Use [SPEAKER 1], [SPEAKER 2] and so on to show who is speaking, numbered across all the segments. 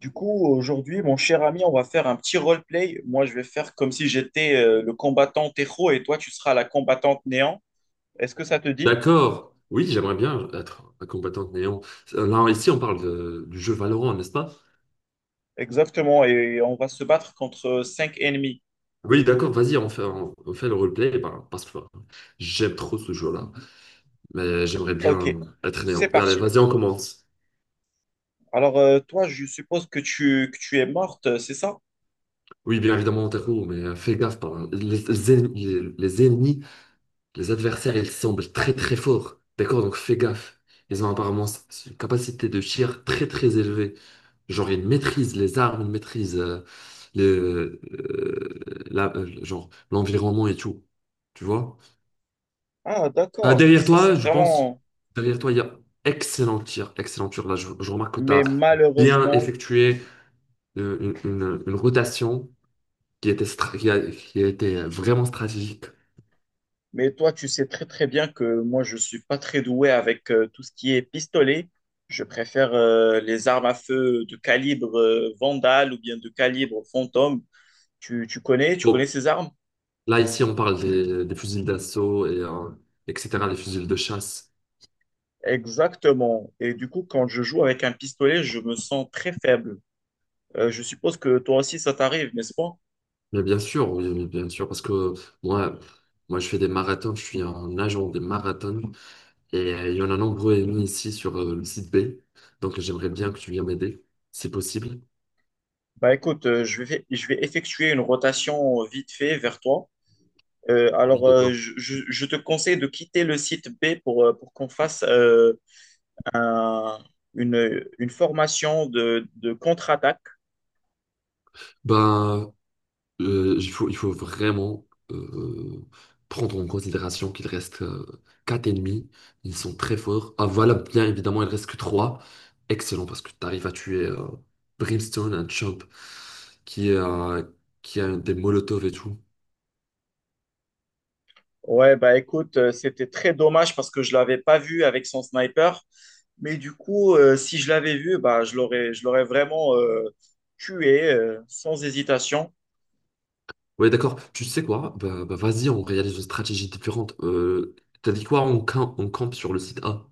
[SPEAKER 1] Du coup, aujourd'hui, mon cher ami, on va faire un petit roleplay. Moi, je vais faire comme si j'étais le combattant héros et toi, tu seras la combattante néant. Est-ce que ça te dit?
[SPEAKER 2] D'accord. Oui, j'aimerais bien être un combattant de néant. Là, ici, on parle du jeu Valorant, n'est-ce pas?
[SPEAKER 1] Exactement. Et on va se battre contre 5 ennemis.
[SPEAKER 2] Oui, d'accord, vas-y, on fait, on fait le roleplay bah, parce que enfin, j'aime trop ce jeu-là. Mais j'aimerais
[SPEAKER 1] Ok,
[SPEAKER 2] bien être néant.
[SPEAKER 1] c'est
[SPEAKER 2] Allez,
[SPEAKER 1] parti.
[SPEAKER 2] vas-y, on commence.
[SPEAKER 1] Alors, toi, je suppose que tu es morte, c'est ça?
[SPEAKER 2] Oui, bien évidemment, Taco, mais fais gaffe. Les ennemis, les ennemis, les adversaires, ils semblent très très forts. D'accord, donc fais gaffe. Ils ont apparemment une capacité de tir très très élevée. Genre, il maîtrise les armes, il maîtrise genre, l'environnement et tout. Tu vois?
[SPEAKER 1] Ah, d'accord.
[SPEAKER 2] Derrière
[SPEAKER 1] Ça, c'est
[SPEAKER 2] toi, je pense,
[SPEAKER 1] vraiment...
[SPEAKER 2] derrière toi, il y a excellent tir, excellent tir. Là, je remarque que tu
[SPEAKER 1] Mais
[SPEAKER 2] as bien
[SPEAKER 1] malheureusement,
[SPEAKER 2] effectué euh, une rotation qui était, qui a été vraiment stratégique.
[SPEAKER 1] mais toi, tu sais très très bien que moi, je suis pas très doué avec tout ce qui est pistolet. Je préfère les armes à feu de calibre Vandal ou bien de calibre Fantôme. Tu connais
[SPEAKER 2] Bon,
[SPEAKER 1] ces armes?
[SPEAKER 2] là, ici, on parle des fusils d'assaut et etc., les fusils de chasse.
[SPEAKER 1] Exactement. Et du coup, quand je joue avec un pistolet, je me sens très faible. Je suppose que toi aussi, ça t'arrive, n'est-ce pas?
[SPEAKER 2] Mais bien sûr, oui, oui, bien sûr, parce que moi, moi, je fais des marathons, je suis un agent des marathons et il y en a nombreux émis ici sur le site B. Donc, j'aimerais bien que tu viennes m'aider, si possible.
[SPEAKER 1] Bah écoute, je vais effectuer une rotation vite fait vers toi. Euh,
[SPEAKER 2] Oui,
[SPEAKER 1] alors, euh,
[SPEAKER 2] d'accord.
[SPEAKER 1] je, je- je te conseille de quitter le site B pour qu'on fasse un- une formation de contre-attaque.
[SPEAKER 2] Ben, il faut vraiment euh, prendre en considération qu'il reste quatre ennemis. Ils sont très forts. Ah, voilà, bien évidemment, il reste que trois. Excellent, parce que tu arrives à tuer Brimstone, un chump qui est, qui a des molotovs et tout.
[SPEAKER 1] Ouais, bah écoute, c'était très dommage parce que je l'avais pas vu avec son sniper. Mais du coup, si je l'avais vu, bah, je l'aurais vraiment tué sans hésitation.
[SPEAKER 2] Ouais, d'accord. Tu sais quoi? Bah, bah, vas-y, on réalise une stratégie différente. T'as dit quoi? On campe sur le site A.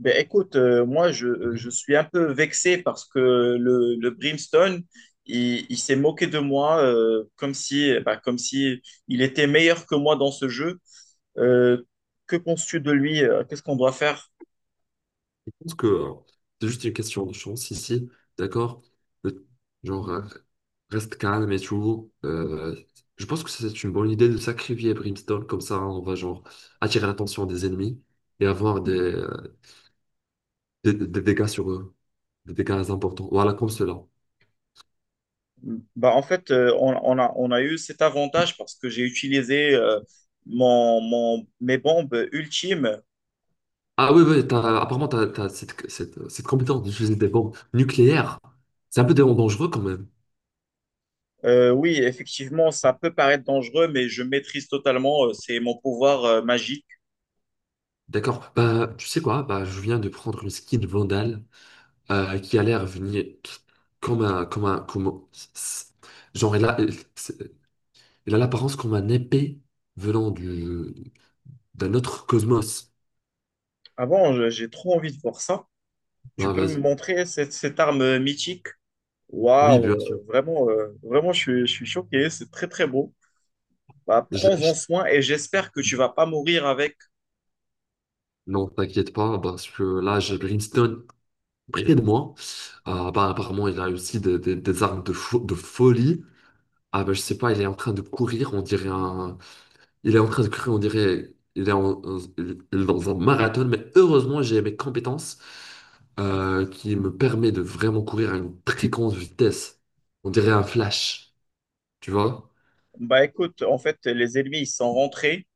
[SPEAKER 1] Mais écoute, moi, je
[SPEAKER 2] Mhm.
[SPEAKER 1] suis un peu vexé parce que le Brimstone, il s'est moqué de moi comme si, bah, comme si il était meilleur que moi dans ce jeu. Euh, que penses-tu de lui? Qu'est-ce qu'on doit faire?
[SPEAKER 2] Je pense que c'est juste une question de chance ici. D'accord? Le- Genre, reste calme et tout. Je pense que c'est une bonne idée de sacrifier Brimstone. Comme ça, on va genre attirer l'attention des ennemis et avoir des dégâts sur eux. Des dégâts importants. Voilà, comme cela.
[SPEAKER 1] Bah, en fait, on a eu cet avantage parce que j'ai utilisé mes bombes ultimes.
[SPEAKER 2] Ah oui, oui, apparemment, tu as, cette compétence d'utiliser des bombes nucléaires. C'est un peu dangereux quand même.
[SPEAKER 1] Oui, effectivement, ça peut paraître dangereux, mais je maîtrise totalement. C'est mon pouvoir magique.
[SPEAKER 2] D'accord. Bah, tu sais quoi? Bah, je viens de prendre une skin Vandal qui a l'air venir comme un, comme un, comme... Genre, elle a l'apparence comme un épée venant du, d'un autre cosmos.
[SPEAKER 1] J'ai trop envie de voir ça. Tu
[SPEAKER 2] Bah,
[SPEAKER 1] peux me
[SPEAKER 2] vas-y.
[SPEAKER 1] montrer cette arme mythique?
[SPEAKER 2] Oui,
[SPEAKER 1] Waouh,
[SPEAKER 2] bien sûr.
[SPEAKER 1] vraiment, je suis choqué. C'est très, très beau. Bah,
[SPEAKER 2] Je
[SPEAKER 1] prends-en
[SPEAKER 2] lâche.
[SPEAKER 1] soin et j'espère que tu vas pas mourir avec.
[SPEAKER 2] Non, t'inquiète pas, parce que là, j'ai Brimstone près de moi. Ah, bah, apparemment, il a aussi des, des armes de, de folie. Ah ben je sais pas, il est en train de courir, on dirait un... Il est en train de courir, on dirait... Il est, il est dans un marathon, mais heureusement j'ai mes compétences qui me permet de vraiment courir à une très grande vitesse. On dirait un flash, tu vois?
[SPEAKER 1] Bah, écoute, en fait, les ennemis, ils sont rentrés.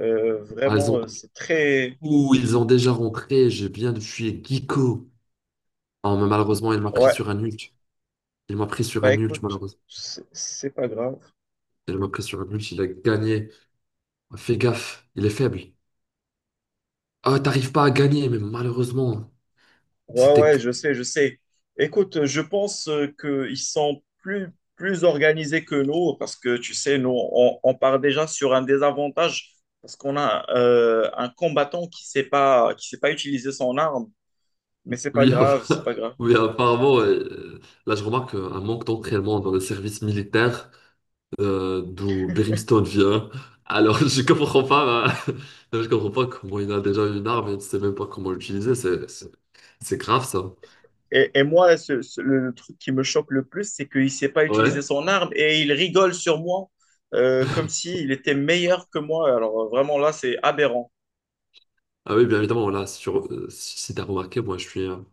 [SPEAKER 2] Ah, ils ont...
[SPEAKER 1] C'est très,
[SPEAKER 2] Ouh, ils ont déjà rentré, j'ai bien de tuer Giko. Ah, mais malheureusement, il m'a pris
[SPEAKER 1] ouais,
[SPEAKER 2] sur un ult. Il m'a pris sur
[SPEAKER 1] bah
[SPEAKER 2] un ult,
[SPEAKER 1] écoute,
[SPEAKER 2] malheureusement.
[SPEAKER 1] c'est pas grave.
[SPEAKER 2] Il m'a pris sur un ult, il a gagné. Fais gaffe, il est faible. Ah, t'arrives pas à gagner, mais malheureusement,
[SPEAKER 1] Ouais,
[SPEAKER 2] c'était.
[SPEAKER 1] ouais, je sais, je sais. Écoute, je pense qu'ils sont plus organisés que nous parce que, tu sais, nous, on part déjà sur un désavantage parce qu'on a un combattant qui sait pas utiliser son arme, mais c'est pas
[SPEAKER 2] Oui,
[SPEAKER 1] grave, c'est
[SPEAKER 2] enfin,
[SPEAKER 1] pas grave.
[SPEAKER 2] oui, apparemment, ouais, là je remarque un manque d'entraînement dans le service militaire d'où Brimstone vient. Alors je comprends pas, hein. Je comprends pas comment il a déjà une arme et il ne sait même pas comment l'utiliser. C'est grave ça.
[SPEAKER 1] Et moi, le truc qui me choque le plus, c'est qu'il sait pas
[SPEAKER 2] Ouais.
[SPEAKER 1] utiliser son arme et il rigole sur moi comme s'il était meilleur que moi. Alors vraiment, là, c'est aberrant.
[SPEAKER 2] Ah oui, bien évidemment, là, sur, si t'as remarqué, moi je suis,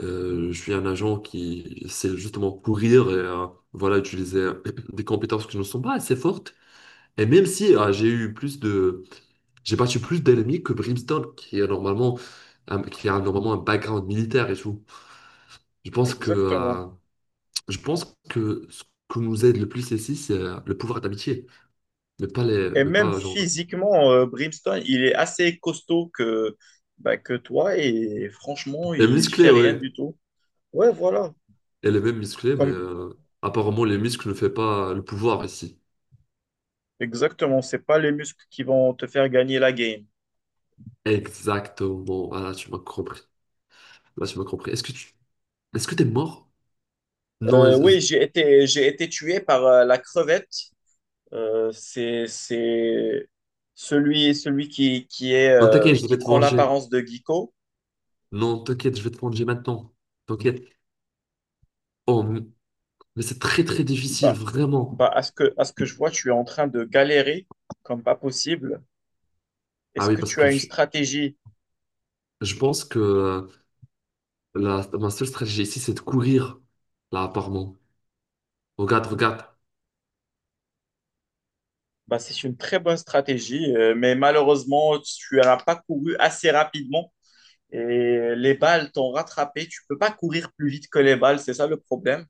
[SPEAKER 2] je suis un agent qui sait justement courir et voilà, utiliser des compétences qui ne sont pas assez fortes. Et même si j'ai eu plus de. J'ai battu plus d'ennemis que Brimstone, qui a normalement un, qui a normalement un background militaire et tout. Je pense que,
[SPEAKER 1] Exactement.
[SPEAKER 2] euh, je pense que ce que nous aide le plus ici, c'est le pouvoir d'amitié, mais pas les,
[SPEAKER 1] Et
[SPEAKER 2] mais
[SPEAKER 1] même
[SPEAKER 2] pas genre.
[SPEAKER 1] physiquement, Brimstone, il est assez costaud que, bah, que toi et franchement,
[SPEAKER 2] Et
[SPEAKER 1] il
[SPEAKER 2] musclé,
[SPEAKER 1] fait rien
[SPEAKER 2] ouais.
[SPEAKER 1] du tout. Ouais, voilà.
[SPEAKER 2] Elle est même musclée, mais
[SPEAKER 1] Comme,
[SPEAKER 2] apparemment les muscles ne fait pas le pouvoir ici.
[SPEAKER 1] exactement, c'est pas les muscles qui vont te faire gagner la game.
[SPEAKER 2] Exactement. Ah, là, tu m'as compris. Là, tu m'as compris. Est-ce que tu, est-ce que t'es mort? Non,
[SPEAKER 1] Oui,
[SPEAKER 2] je-
[SPEAKER 1] j'ai été tué par la crevette. Euh, c'est, c'est celui qui,
[SPEAKER 2] non, t'inquiète, je
[SPEAKER 1] qui
[SPEAKER 2] vais te
[SPEAKER 1] prend
[SPEAKER 2] venger.
[SPEAKER 1] l'apparence de Giko.
[SPEAKER 2] Non, t'inquiète, je vais te venger maintenant. T'inquiète. Oh, mais c'est très très difficile,
[SPEAKER 1] Bah,
[SPEAKER 2] vraiment.
[SPEAKER 1] à ce que je vois, tu es en train de galérer comme pas possible.
[SPEAKER 2] Ah
[SPEAKER 1] Est-ce
[SPEAKER 2] oui,
[SPEAKER 1] que
[SPEAKER 2] parce
[SPEAKER 1] tu
[SPEAKER 2] que
[SPEAKER 1] as une stratégie?
[SPEAKER 2] je pense que la, ma seule stratégie ici, c'est de courir, là, apparemment. Regarde, regarde.
[SPEAKER 1] Bah, c'est une très bonne stratégie, mais malheureusement, tu n'as pas couru assez rapidement et les balles t'ont rattrapé. Tu peux pas courir plus vite que les balles, c'est ça le problème.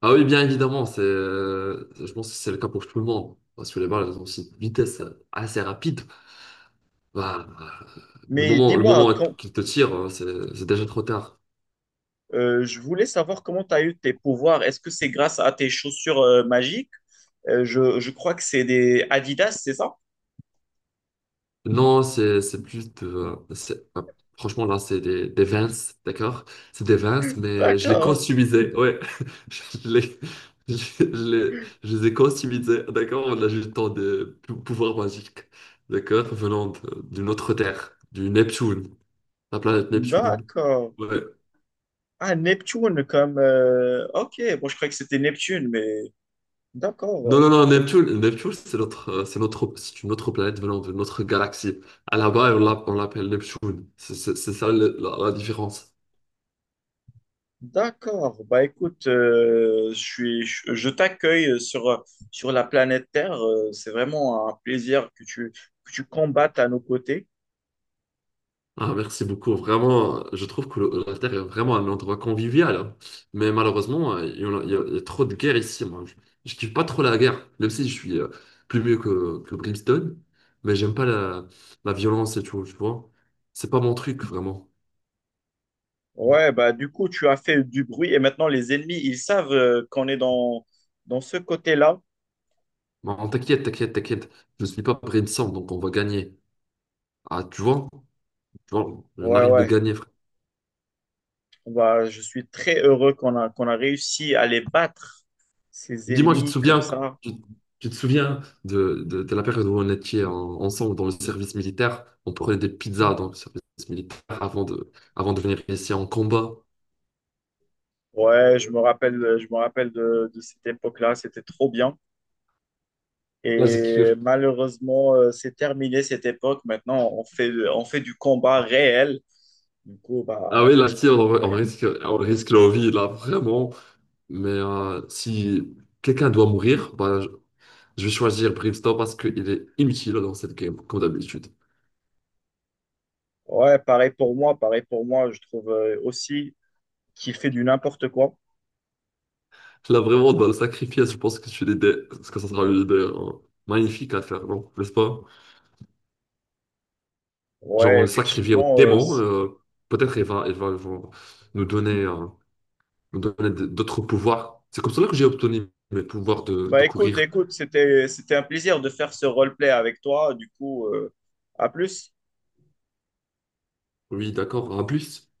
[SPEAKER 2] Ah oui, bien évidemment, c'est, je pense que c'est le cas pour tout le monde. Parce que les balles, elles ont aussi une vitesse assez rapide. Bah,
[SPEAKER 1] Mais
[SPEAKER 2] le
[SPEAKER 1] dis-moi,
[SPEAKER 2] moment
[SPEAKER 1] quand,
[SPEAKER 2] qu'ils te tirent, c'est déjà trop tard.
[SPEAKER 1] je voulais savoir comment tu as eu tes pouvoirs. Est-ce que c'est grâce à tes chaussures magiques? Je crois que c'est des Adidas, c'est ça?
[SPEAKER 2] Non, c'est plus de... franchement, là, c'est des Vans, d'accord? C'est des Vans, mais je les
[SPEAKER 1] D'accord,
[SPEAKER 2] customisais, ouais. Je les, je les, je les ai customisés, d'accord? On a eu le temps de pouvoir magique, d'accord? Venant d'une autre terre, du Neptune, la planète Neptune,
[SPEAKER 1] d'accord.
[SPEAKER 2] ouais.
[SPEAKER 1] Ah, Neptune, comme... Ok, bon, je croyais que c'était Neptune, mais
[SPEAKER 2] Non,
[SPEAKER 1] d'accord.
[SPEAKER 2] non, non, Neptune, Neptune, c'est notre, c'est notre, c'est une autre planète venant de notre galaxie. À là-bas, on l'appelle Neptune. C'est ça la différence.
[SPEAKER 1] D'accord. Bah écoute, je suis, je t'accueille sur la planète Terre. C'est vraiment un plaisir que tu combattes à nos côtés.
[SPEAKER 2] Ah, merci beaucoup. Vraiment, je trouve que la Terre est vraiment un endroit convivial, hein. Mais malheureusement, il y en a, il y a trop de guerres ici. Moi. Je kiffe pas trop la guerre, même si je suis plus mieux que Brimstone. Mais j'aime pas la, la violence et tout, tu vois. C'est pas mon truc, vraiment.
[SPEAKER 1] Ouais, bah du coup, tu as fait du bruit et maintenant les ennemis, ils savent qu'on est dans ce côté-là.
[SPEAKER 2] Non, t'inquiète, t'inquiète, t'inquiète. Je suis pas Brimstone, donc on va gagner. Ah, tu vois? Tu vois, on
[SPEAKER 1] Ouais,
[SPEAKER 2] arrive de
[SPEAKER 1] ouais.
[SPEAKER 2] gagner, frère.
[SPEAKER 1] Bah, je suis très heureux qu'on a réussi à les battre, ces
[SPEAKER 2] Dis-moi, tu te
[SPEAKER 1] ennemis comme
[SPEAKER 2] souviens,
[SPEAKER 1] ça.
[SPEAKER 2] tu te souviens de la période où on était ensemble dans le service militaire? On prenait des pizzas dans le service militaire avant de venir ici en combat.
[SPEAKER 1] Ouais, je me rappelle de cette époque-là. C'était trop bien.
[SPEAKER 2] Là, j'ai
[SPEAKER 1] Et
[SPEAKER 2] cru.
[SPEAKER 1] malheureusement, c'est terminé cette époque. Maintenant, on fait du combat réel. Du coup, bah,
[SPEAKER 2] Ah oui, là, si,
[SPEAKER 1] bah, ouais.
[SPEAKER 2] on risque la vie, là, vraiment. Mais si quelqu'un doit mourir, bah, je vais choisir Brimstone parce qu'il est inutile dans cette game, comme d'habitude.
[SPEAKER 1] Ouais, pareil pour moi, pareil pour moi. Je trouve aussi qu'il fait du n'importe quoi.
[SPEAKER 2] Là, vraiment, dans le sacrifice, je pense que, tu l'idée, que ça sera une idée magnifique à faire, non? N'est-ce pas? Genre, on
[SPEAKER 1] Ouais,
[SPEAKER 2] le sacrifiait au
[SPEAKER 1] effectivement.
[SPEAKER 2] démon. Peut-être il va, il va, il va nous donner, euh, nous donner d'autres pouvoirs. C'est comme cela que j'ai obtenu mes pouvoirs de
[SPEAKER 1] Bah, écoute,
[SPEAKER 2] courir.
[SPEAKER 1] c'était un plaisir de faire ce roleplay avec toi. Du coup, à plus.
[SPEAKER 2] Oui, d'accord, un plus.